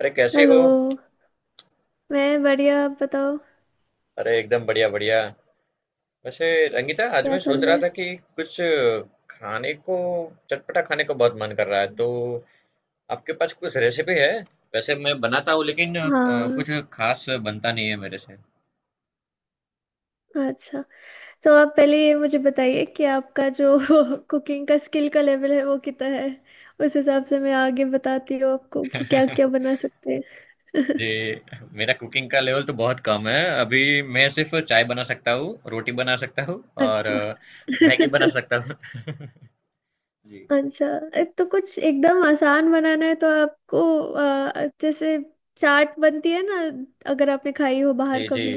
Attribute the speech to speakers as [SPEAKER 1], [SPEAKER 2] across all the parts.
[SPEAKER 1] अरे कैसे हो।
[SPEAKER 2] हेलो। मैं बढ़िया, आप बताओ।
[SPEAKER 1] अरे एकदम बढ़िया बढ़िया। वैसे रंगीता, आज
[SPEAKER 2] क्या
[SPEAKER 1] मैं
[SPEAKER 2] चल
[SPEAKER 1] सोच
[SPEAKER 2] रहा
[SPEAKER 1] रहा
[SPEAKER 2] है?
[SPEAKER 1] था कि कुछ खाने को, चटपटा खाने का बहुत मन कर रहा है, तो आपके पास कुछ रेसिपी है? वैसे मैं बनाता हूँ, लेकिन
[SPEAKER 2] हाँ।
[SPEAKER 1] कुछ खास बनता नहीं है मेरे से।
[SPEAKER 2] अच्छा। तो आप पहले ये मुझे बताइए कि आपका जो कुकिंग का स्किल का लेवल है वो कितना है। उस हिसाब से मैं आगे बताती हूँ आपको कि क्या क्या बना सकते हैं।
[SPEAKER 1] जी। मेरा कुकिंग का लेवल तो बहुत कम है, अभी मैं सिर्फ चाय बना सकता हूँ, रोटी बना सकता हूँ, और
[SPEAKER 2] अच्छा।
[SPEAKER 1] मैगी बना सकता हूँ। जी
[SPEAKER 2] अच्छा। एक तो कुछ एकदम आसान बनाना है, तो आपको जैसे चाट बनती है ना? अगर आपने खाई हो बाहर
[SPEAKER 1] जी। जी
[SPEAKER 2] कभी।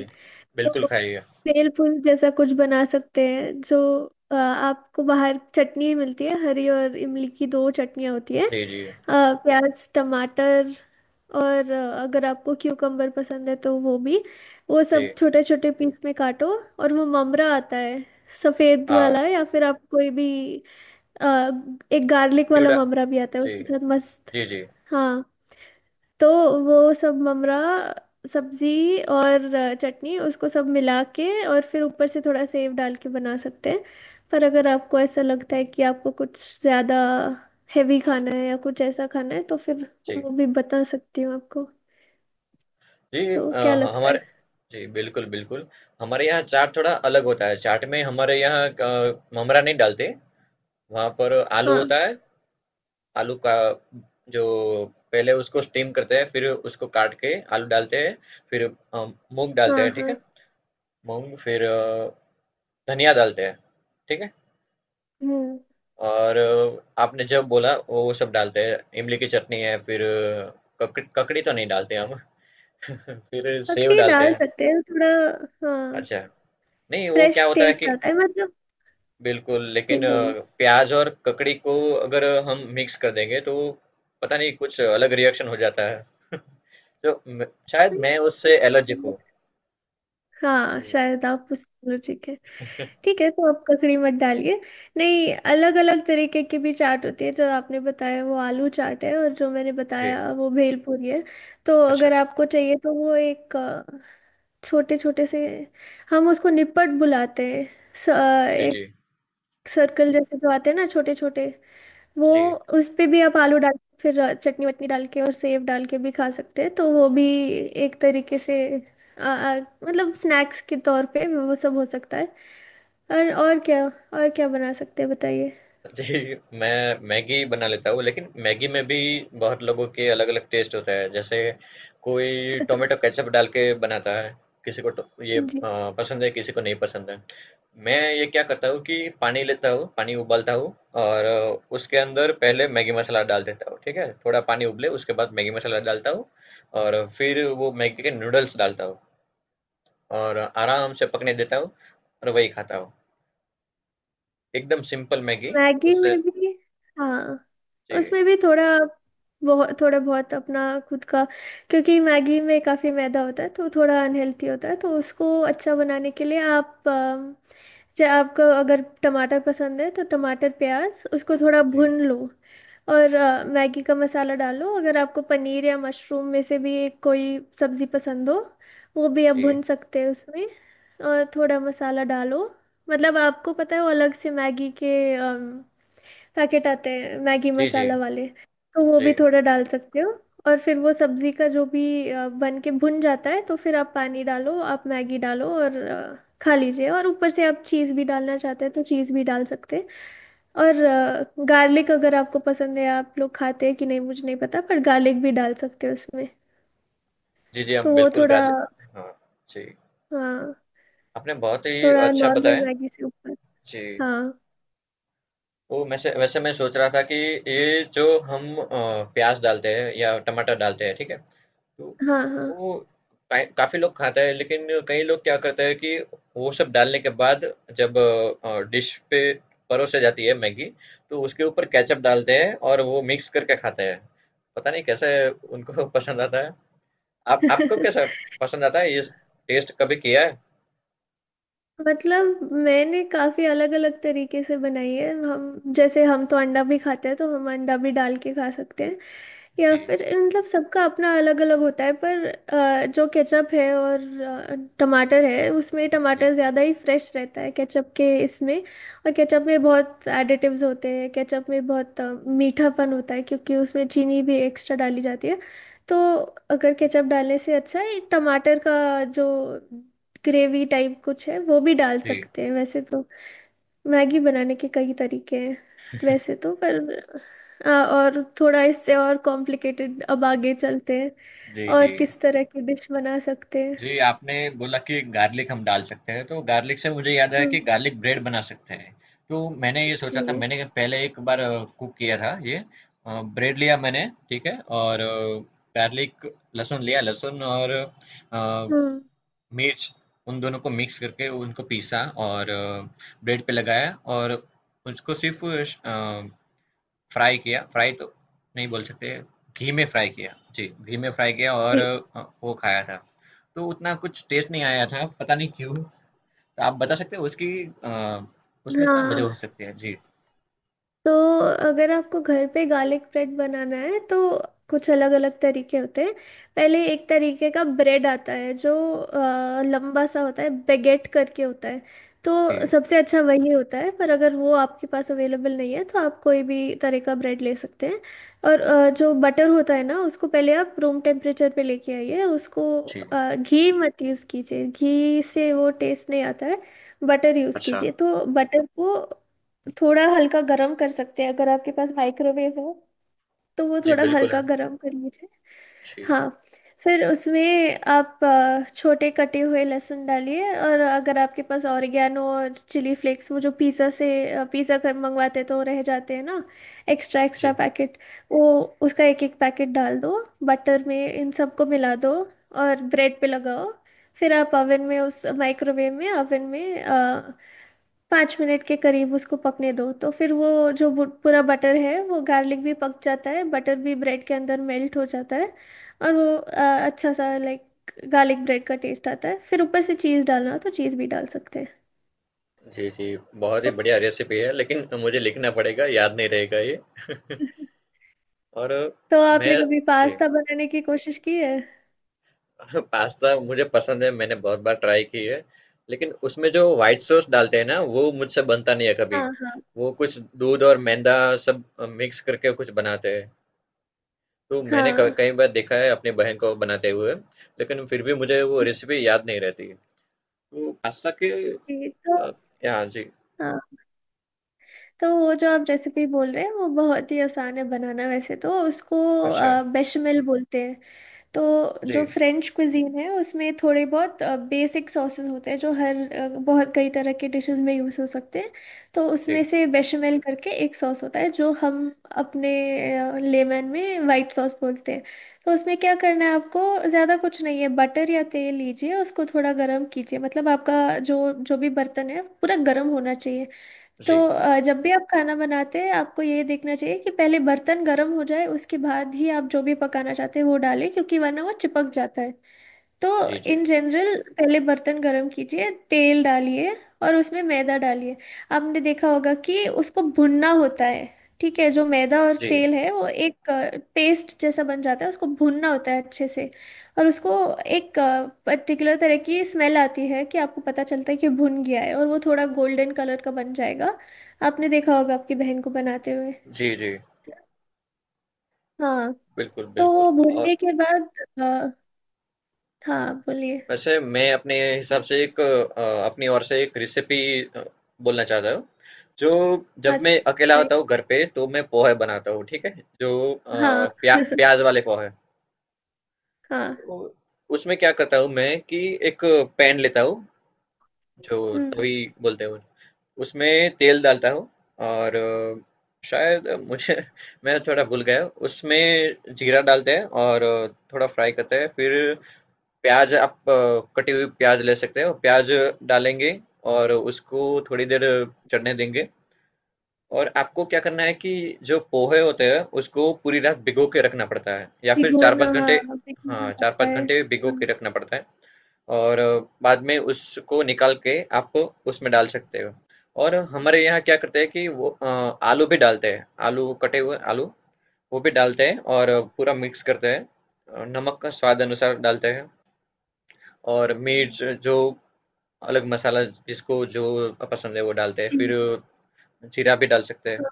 [SPEAKER 2] तो
[SPEAKER 1] बिल्कुल, खाइए।
[SPEAKER 2] बेल फूल जैसा कुछ बना सकते हैं, जो आपको बाहर चटनी मिलती है हरी और इमली की, दो चटनियाँ होती है।
[SPEAKER 1] जी जी।
[SPEAKER 2] प्याज टमाटर, और अगर आपको क्यूकम्बर पसंद है तो वो भी। वो
[SPEAKER 1] जी
[SPEAKER 2] सब छोटे छोटे पीस में काटो। और वो ममरा आता है सफ़ेद
[SPEAKER 1] हाँ,
[SPEAKER 2] वाला, या फिर आप कोई भी अ, एक गार्लिक वाला
[SPEAKER 1] चिवड़ा।
[SPEAKER 2] ममरा भी आता है,
[SPEAKER 1] जी
[SPEAKER 2] उसके साथ मस्त।
[SPEAKER 1] जी, जी,
[SPEAKER 2] हाँ। तो वो सब ममरा, सब्जी और चटनी, उसको सब मिला के और फिर ऊपर से थोड़ा सेव डाल के बना सकते हैं। पर अगर आपको ऐसा लगता है कि आपको कुछ ज़्यादा हेवी खाना है, या कुछ ऐसा खाना है, तो फिर
[SPEAKER 1] जी।
[SPEAKER 2] वो भी बता सकती हूँ आपको।
[SPEAKER 1] जी
[SPEAKER 2] तो क्या
[SPEAKER 1] ह
[SPEAKER 2] लगता
[SPEAKER 1] हमारे।
[SPEAKER 2] है?
[SPEAKER 1] जी, बिल्कुल, बिल्कुल। हमारे यहाँ चाट थोड़ा अलग होता है, चाट में हमारे यहाँ क ममरा नहीं डालते, वहाँ पर आलू
[SPEAKER 2] हाँ
[SPEAKER 1] होता है, आलू का जो पहले उसको स्टीम करते हैं, फिर उसको काट के आलू डालते हैं, फिर अ, मूँग डालते
[SPEAKER 2] हाँ।
[SPEAKER 1] हैं, ठीक
[SPEAKER 2] हाँ।
[SPEAKER 1] है? मूँग फिर धनिया डालते हैं, ठीक है?
[SPEAKER 2] हम्म।
[SPEAKER 1] और आपने जब बोला वो सब डालते हैं, इमली की चटनी है, फिर ककड़ी ककड़ी तो नहीं डालते हम, फिर सेव
[SPEAKER 2] ककड़ी
[SPEAKER 1] डालते
[SPEAKER 2] डाल
[SPEAKER 1] हैं।
[SPEAKER 2] सकते हैं थोड़ा। हाँ।
[SPEAKER 1] अच्छा। नहीं, वो क्या
[SPEAKER 2] फ्रेश
[SPEAKER 1] होता है
[SPEAKER 2] टेस्ट
[SPEAKER 1] कि
[SPEAKER 2] आता है मतलब।
[SPEAKER 1] बिल्कुल,
[SPEAKER 2] जी
[SPEAKER 1] लेकिन
[SPEAKER 2] बोलिए।
[SPEAKER 1] प्याज़ और ककड़ी को अगर हम मिक्स कर देंगे तो पता नहीं कुछ अलग रिएक्शन हो जाता है। तो म शायद मैं उससे एलर्जिक हूँ।
[SPEAKER 2] हाँ
[SPEAKER 1] जी।
[SPEAKER 2] शायद, आप पूछते हो, ठीक है। ठीक है, तो आप ककड़ी मत डालिए। नहीं, अलग अलग तरीके की भी चाट होती है। जो आपने बताया वो आलू चाट है, और जो मैंने
[SPEAKER 1] जी,
[SPEAKER 2] बताया वो भेलपूरी है। तो
[SPEAKER 1] अच्छा।
[SPEAKER 2] अगर आपको चाहिए तो वो एक छोटे छोटे से, हम उसको निपट बुलाते हैं।
[SPEAKER 1] जी,
[SPEAKER 2] एक
[SPEAKER 1] जी।
[SPEAKER 2] सर्कल जैसे जो आते हैं ना छोटे छोटे, वो,
[SPEAKER 1] जी।
[SPEAKER 2] उस पे भी आप आलू डाल के फिर चटनी वटनी डाल के और सेव डाल के भी खा सकते हैं। तो वो भी एक तरीके से, आ, आ, मतलब स्नैक्स के तौर पे वो सब हो सकता है। और क्या, और क्या बना सकते हैं बताइए।
[SPEAKER 1] जी, मैं मैगी बना लेता हूँ, लेकिन मैगी में भी बहुत लोगों के अलग-अलग टेस्ट होता है। जैसे कोई टोमेटो केचअप डाल के बनाता है, किसी को टो ये
[SPEAKER 2] जी।
[SPEAKER 1] पसंद है, किसी को नहीं पसंद है। मैं ये क्या करता हूँ कि पानी लेता हूँ, पानी उबालता हूँ और उसके अंदर पहले मैगी मसाला डाल देता हूँ, ठीक है? थोड़ा पानी उबले उसके बाद मैगी मसाला डालता हूँ, और फिर वो मैगी के नूडल्स डालता हूँ, और आराम से पकने देता हूँ, और वही खाता हूँ, एकदम सिंपल मैगी।
[SPEAKER 2] मैगी
[SPEAKER 1] उससे
[SPEAKER 2] में भी। हाँ।
[SPEAKER 1] जी
[SPEAKER 2] उसमें भी थोड़ा बहुत, थोड़ा बहुत अपना खुद का। क्योंकि मैगी में काफ़ी मैदा होता है तो थोड़ा अनहेल्थी होता है, तो उसको अच्छा बनाने के लिए आप जैसे आपको अगर टमाटर पसंद है तो टमाटर प्याज उसको थोड़ा
[SPEAKER 1] जी।
[SPEAKER 2] भून लो। और मैगी का मसाला डालो। अगर आपको पनीर या मशरूम में से भी एक कोई सब्ज़ी पसंद हो, वो भी आप
[SPEAKER 1] जी
[SPEAKER 2] भून सकते हैं उसमें। और थोड़ा मसाला डालो। मतलब आपको पता है वो अलग से मैगी के पैकेट आते हैं मैगी
[SPEAKER 1] जी जी
[SPEAKER 2] मसाला वाले, तो वो
[SPEAKER 1] जी।
[SPEAKER 2] भी थोड़ा डाल सकते हो। और फिर वो सब्जी का जो भी बन के भुन जाता है, तो फिर आप पानी डालो आप मैगी डालो और खा लीजिए। और ऊपर से आप चीज़ भी डालना चाहते हैं तो चीज़ भी डाल सकते हैं। और गार्लिक अगर आपको पसंद है, आप लोग खाते हैं कि नहीं मुझे नहीं पता, पर गार्लिक भी डाल सकते हो उसमें।
[SPEAKER 1] जी जी
[SPEAKER 2] तो
[SPEAKER 1] हम
[SPEAKER 2] वो
[SPEAKER 1] बिल्कुल
[SPEAKER 2] थोड़ा।
[SPEAKER 1] गार्लिक, हाँ जी।
[SPEAKER 2] हाँ।
[SPEAKER 1] आपने बहुत ही
[SPEAKER 2] थोड़ा
[SPEAKER 1] अच्छा
[SPEAKER 2] नॉर्मल
[SPEAKER 1] बताया।
[SPEAKER 2] मैगी से ऊपर।
[SPEAKER 1] जी।
[SPEAKER 2] हाँ।
[SPEAKER 1] वो वैसे वैसे मैं सोच रहा था कि ये जो हम प्याज डालते हैं या टमाटर डालते हैं, ठीक है? तो
[SPEAKER 2] हाँ। हाँ।
[SPEAKER 1] वो काफी लोग खाता है, लेकिन कई लोग क्या करते हैं कि वो सब डालने के बाद, जब डिश पे परोसे जाती है मैगी, तो उसके ऊपर केचप डालते हैं और वो मिक्स करके खाते हैं। पता नहीं कैसे उनको पसंद आता है। आप आपको कैसा पसंद आता है, ये टेस्ट कभी किया है?
[SPEAKER 2] मतलब मैंने काफी अलग अलग तरीके से बनाई है। हम जैसे, हम तो अंडा भी खाते हैं तो हम अंडा भी डाल के खा सकते हैं। या
[SPEAKER 1] जी
[SPEAKER 2] फिर मतलब सबका अपना अलग अलग होता है, पर जो केचप है और टमाटर है, उसमें
[SPEAKER 1] जी
[SPEAKER 2] टमाटर ज़्यादा ही फ्रेश रहता है केचप के इसमें। और केचप में बहुत एडिटिव्स होते हैं, केचप में बहुत मीठापन होता है क्योंकि उसमें चीनी भी एक्स्ट्रा डाली जाती है। तो अगर केचप डालने से अच्छा है टमाटर का जो ग्रेवी टाइप कुछ है, वो भी डाल
[SPEAKER 1] जी
[SPEAKER 2] सकते हैं वैसे तो। मैगी बनाने के कई तरीके हैं वैसे तो, पर और थोड़ा इससे और कॉम्प्लिकेटेड, अब आगे चलते हैं
[SPEAKER 1] जी
[SPEAKER 2] और
[SPEAKER 1] जी।
[SPEAKER 2] किस तरह की डिश बना सकते हैं।
[SPEAKER 1] जी, आपने बोला कि गार्लिक हम डाल सकते हैं, तो गार्लिक से मुझे याद आया कि
[SPEAKER 2] हम्म।
[SPEAKER 1] गार्लिक ब्रेड बना सकते हैं। तो मैंने ये सोचा था,
[SPEAKER 2] जी।
[SPEAKER 1] मैंने पहले एक बार कुक किया था ये। ब्रेड लिया मैंने, ठीक है, और गार्लिक, लहसुन लिया, लहसुन और अ,
[SPEAKER 2] हम्म।
[SPEAKER 1] मिर्च, उन दोनों को मिक्स करके उनको पीसा और ब्रेड पे लगाया और उसको सिर्फ फ्राई किया, फ्राई तो नहीं बोल सकते, घी में फ्राई किया। जी, घी में फ्राई किया और
[SPEAKER 2] जी।
[SPEAKER 1] वो खाया था। तो उतना कुछ टेस्ट नहीं आया था, पता नहीं क्यों? तो आप बता सकते हो उसकी अ, उसमें क्या वजह
[SPEAKER 2] हाँ।
[SPEAKER 1] हो सकती है? जी,
[SPEAKER 2] तो अगर आपको घर पे गार्लिक ब्रेड बनाना है तो कुछ अलग अलग तरीके होते हैं। पहले एक तरीके का ब्रेड आता है, जो लंबा सा होता है, बेगेट करके होता है। तो
[SPEAKER 1] जी,
[SPEAKER 2] सबसे अच्छा वही होता है, पर अगर वो आपके पास अवेलेबल नहीं है तो आप कोई भी तरह का ब्रेड ले सकते हैं। और जो बटर होता है ना, उसको पहले आप रूम टेम्परेचर पे लेके आइए। उसको,
[SPEAKER 1] जी।
[SPEAKER 2] घी मत यूज़ कीजिए, घी से वो टेस्ट नहीं आता है। बटर यूज़
[SPEAKER 1] अच्छा।
[SPEAKER 2] कीजिए, तो बटर को थोड़ा हल्का गरम कर सकते हैं अगर आपके पास माइक्रोवेव हो तो वो
[SPEAKER 1] जी,
[SPEAKER 2] थोड़ा
[SPEAKER 1] बिल्कुल
[SPEAKER 2] हल्का
[SPEAKER 1] है।
[SPEAKER 2] गरम कर लीजिए।
[SPEAKER 1] जी,
[SPEAKER 2] हाँ। फिर उसमें आप छोटे कटे हुए लहसुन डालिए। और अगर आपके पास ऑरिगेनो और चिली फ्लेक्स, वो जो पिज़्ज़ा कर मंगवाते तो रह जाते हैं ना, एक्स्ट्रा एक्स्ट्रा
[SPEAKER 1] जी।
[SPEAKER 2] पैकेट, वो, उसका एक एक पैकेट डाल दो। बटर में इन सबको मिला दो और ब्रेड पे लगाओ। फिर आप ओवन में, उस माइक्रोवेव में, ओवन में 5 मिनट के करीब उसको पकने दो, तो फिर वो पूरा बटर है वो, गार्लिक भी पक जाता है, बटर भी ब्रेड के अंदर मेल्ट हो जाता है। और वो अच्छा सा लाइक गार्लिक ब्रेड का टेस्ट आता है। फिर ऊपर से चीज़ डालना हो तो चीज़ भी डाल सकते हैं।
[SPEAKER 1] जी, जी, बहुत ही
[SPEAKER 2] तो
[SPEAKER 1] बढ़िया रेसिपी है, लेकिन मुझे लिखना पड़ेगा, याद नहीं रहेगा ये। और
[SPEAKER 2] तो आपने
[SPEAKER 1] मैं
[SPEAKER 2] कभी
[SPEAKER 1] जी।
[SPEAKER 2] पास्ता बनाने की कोशिश की है?
[SPEAKER 1] हाँ, पास्ता मुझे पसंद है, मैंने बहुत बार ट्राई की है, लेकिन उसमें जो व्हाइट सॉस डालते हैं ना वो मुझसे बनता नहीं है कभी।
[SPEAKER 2] हाँ हाँ।
[SPEAKER 1] वो कुछ दूध और मैदा सब मिक्स करके कुछ बनाते हैं। तो मैंने
[SPEAKER 2] हाँ।
[SPEAKER 1] कई बार देखा है अपनी बहन को बनाते हुए, लेकिन फिर भी मुझे वो
[SPEAKER 2] जी,
[SPEAKER 1] रेसिपी याद नहीं रहती। तो पास्ता के
[SPEAKER 2] जी। तो
[SPEAKER 1] अ, या जी।
[SPEAKER 2] हाँ, तो वो जो आप रेसिपी बोल रहे हैं वो बहुत ही आसान है बनाना वैसे तो, उसको
[SPEAKER 1] अच्छा।
[SPEAKER 2] बेशमेल बोलते हैं। तो
[SPEAKER 1] जी
[SPEAKER 2] जो फ्रेंच क्विजीन है उसमें थोड़े बहुत बेसिक सॉसेस होते हैं, जो हर बहुत कई तरह के डिशेस में यूज़ हो सकते हैं। तो उसमें
[SPEAKER 1] जी।
[SPEAKER 2] से बेशमेल करके एक सॉस होता है, जो हम अपने लेमन में वाइट सॉस बोलते हैं। तो उसमें क्या करना है आपको, ज़्यादा कुछ नहीं है। बटर या तेल लीजिए, उसको थोड़ा गर्म कीजिए, मतलब आपका जो जो भी बर्तन है पूरा गर्म होना चाहिए। तो
[SPEAKER 1] जी
[SPEAKER 2] जब भी आप खाना बनाते हैं आपको ये देखना चाहिए कि पहले बर्तन गर्म हो जाए, उसके बाद ही आप जो भी पकाना चाहते हैं वो डालें, क्योंकि वरना वो चिपक जाता है। तो
[SPEAKER 1] जी जी
[SPEAKER 2] इन जनरल पहले बर्तन गरम कीजिए, तेल डालिए और उसमें मैदा डालिए। आपने देखा होगा कि उसको भुनना होता है। ठीक है, जो मैदा और
[SPEAKER 1] जी।
[SPEAKER 2] तेल है वो एक पेस्ट जैसा बन जाता है, उसको भुनना होता है अच्छे से। और उसको एक पर्टिकुलर तरह की स्मेल आती है कि आपको पता चलता है कि भुन गया है, और वो थोड़ा गोल्डन कलर का बन जाएगा। आपने देखा होगा आपकी बहन को बनाते हुए।
[SPEAKER 1] जी जी
[SPEAKER 2] हाँ।
[SPEAKER 1] बिल्कुल
[SPEAKER 2] तो
[SPEAKER 1] बिल्कुल।
[SPEAKER 2] वो
[SPEAKER 1] और
[SPEAKER 2] भुनने के बाद, अ, हाँ बोलिए।
[SPEAKER 1] वैसे मैं अपने हिसाब से एक अपनी ओर से एक रेसिपी बोलना चाहता हूँ, जो जब
[SPEAKER 2] अच्छा
[SPEAKER 1] मैं
[SPEAKER 2] अच्छा
[SPEAKER 1] अकेला
[SPEAKER 2] बताइए।
[SPEAKER 1] होता हूँ घर पे तो मैं पोहे बनाता हूँ, ठीक है? जो
[SPEAKER 2] हाँ
[SPEAKER 1] प्याज वाले पोहे।
[SPEAKER 2] हाँ।
[SPEAKER 1] तो उसमें क्या करता हूँ मैं कि एक पैन लेता हूँ, जो
[SPEAKER 2] हम्म।
[SPEAKER 1] तवी बोलते हैं, उसमें तेल डालता हूँ और शायद मुझे मैं थोड़ा भूल गया, उसमें जीरा डालते हैं और थोड़ा फ्राई करते हैं, फिर प्याज़ आप कटी हुई प्याज़ ले सकते हो, प्याज़ डालेंगे और उसको थोड़ी देर चढ़ने देंगे। और आपको क्या करना है कि जो पोहे होते हैं, उसको पूरी रात भिगो के रखना पड़ता है या फिर
[SPEAKER 2] भिगोना,
[SPEAKER 1] 4-5 घंटे।
[SPEAKER 2] हाँ भिगोना
[SPEAKER 1] हाँ,
[SPEAKER 2] पड़ता
[SPEAKER 1] 4-5
[SPEAKER 2] है,
[SPEAKER 1] घंटे भिगो
[SPEAKER 2] हाँ।
[SPEAKER 1] के रखना पड़ता है, और बाद में उसको निकाल के आप उसमें डाल सकते हो। और हमारे यहाँ क्या करते हैं कि वो आलू भी डालते हैं, आलू कटे हुए आलू वो भी डालते हैं और पूरा मिक्स करते हैं। नमक का स्वाद अनुसार डालते हैं, और मिर्च जो अलग मसाला जिसको जो पसंद है वो डालते हैं,
[SPEAKER 2] जी,
[SPEAKER 1] फिर
[SPEAKER 2] जी।
[SPEAKER 1] जीरा भी डाल सकते हैं,
[SPEAKER 2] हाँ।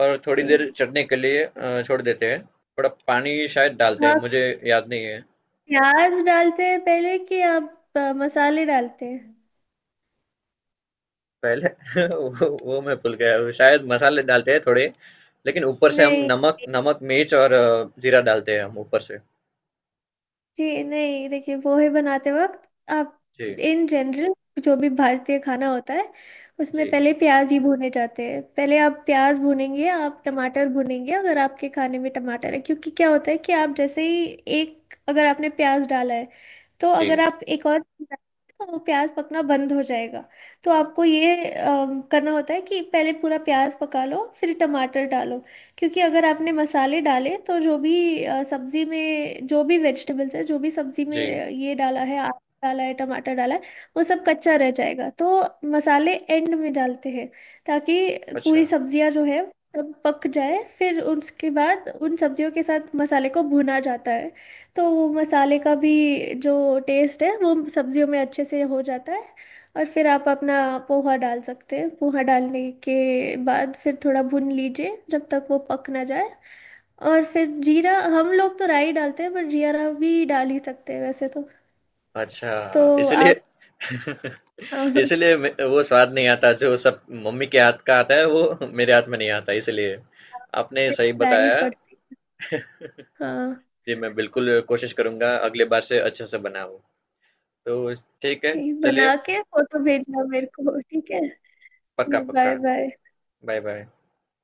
[SPEAKER 1] और थोड़ी देर
[SPEAKER 2] जी।
[SPEAKER 1] चटने के लिए छोड़ देते हैं। थोड़ा पानी शायद डालते हैं, मुझे
[SPEAKER 2] आप
[SPEAKER 1] याद नहीं है
[SPEAKER 2] प्याज डालते हैं पहले कि आप मसाले डालते हैं?
[SPEAKER 1] पहले। वो मैं भूल गया, शायद मसाले डालते हैं थोड़े, लेकिन ऊपर से हम नमक
[SPEAKER 2] नहीं
[SPEAKER 1] नमक मिर्च और जीरा डालते हैं हम ऊपर से।
[SPEAKER 2] जी, नहीं देखिए, पोहे बनाते वक्त आप
[SPEAKER 1] जी
[SPEAKER 2] इन जनरल, जो भी भारतीय खाना होता है
[SPEAKER 1] जी।
[SPEAKER 2] उसमें पहले प्याज ही भुने जाते हैं। पहले आप प्याज भुनेंगे, आप टमाटर भुनेंगे अगर आपके खाने में टमाटर है, क्योंकि क्या होता है कि आप जैसे ही, एक, अगर आपने प्याज डाला है, तो अगर
[SPEAKER 1] जी
[SPEAKER 2] आप एक और, तो वो प्याज पकना बंद हो जाएगा। तो आपको ये करना होता है कि पहले पूरा प्याज पका लो फिर टमाटर डालो। क्योंकि अगर आपने मसाले डाले तो जो भी सब्जी में, जो भी वेजिटेबल्स है, जो भी सब्जी में
[SPEAKER 1] जी।
[SPEAKER 2] ये डाला है, आलू डाला है, टमाटर डाला है, वो सब कच्चा रह जाएगा। तो मसाले एंड में डालते हैं, ताकि
[SPEAKER 1] अच्छा
[SPEAKER 2] पूरी सब्जियां जो है सब पक जाए, फिर उसके बाद उन सब्जियों के साथ मसाले को भुना जाता है। तो वो मसाले का भी जो टेस्ट है वो सब्जियों में अच्छे से हो जाता है। और फिर आप अपना पोहा डाल सकते हैं। पोहा डालने के बाद फिर थोड़ा भून लीजिए जब तक वो पक ना जाए। और फिर जीरा, हम लोग तो राई डालते हैं पर जीरा भी डाल ही सकते हैं वैसे तो।
[SPEAKER 1] अच्छा,
[SPEAKER 2] तो
[SPEAKER 1] इसलिए
[SPEAKER 2] आप, हाँ हाँ,
[SPEAKER 1] इसलिए मे वो स्वाद नहीं आता जो सब मम्मी के हाथ का आता है वो मेरे हाथ में नहीं आता इसलिए। आपने सही
[SPEAKER 2] राई
[SPEAKER 1] बताया।
[SPEAKER 2] पड़ती है। हाँ।
[SPEAKER 1] जी, मैं बिल्कुल कोशिश करूँगा अगली बार से अच्छे से बनाऊँ। तो ठीक है,
[SPEAKER 2] ठीक,
[SPEAKER 1] चलिए।
[SPEAKER 2] बना के फोटो भेजना मेरे को, ठीक है?
[SPEAKER 1] पक्का,
[SPEAKER 2] तो बाय
[SPEAKER 1] पक्का।
[SPEAKER 2] बाय।
[SPEAKER 1] Bye, bye.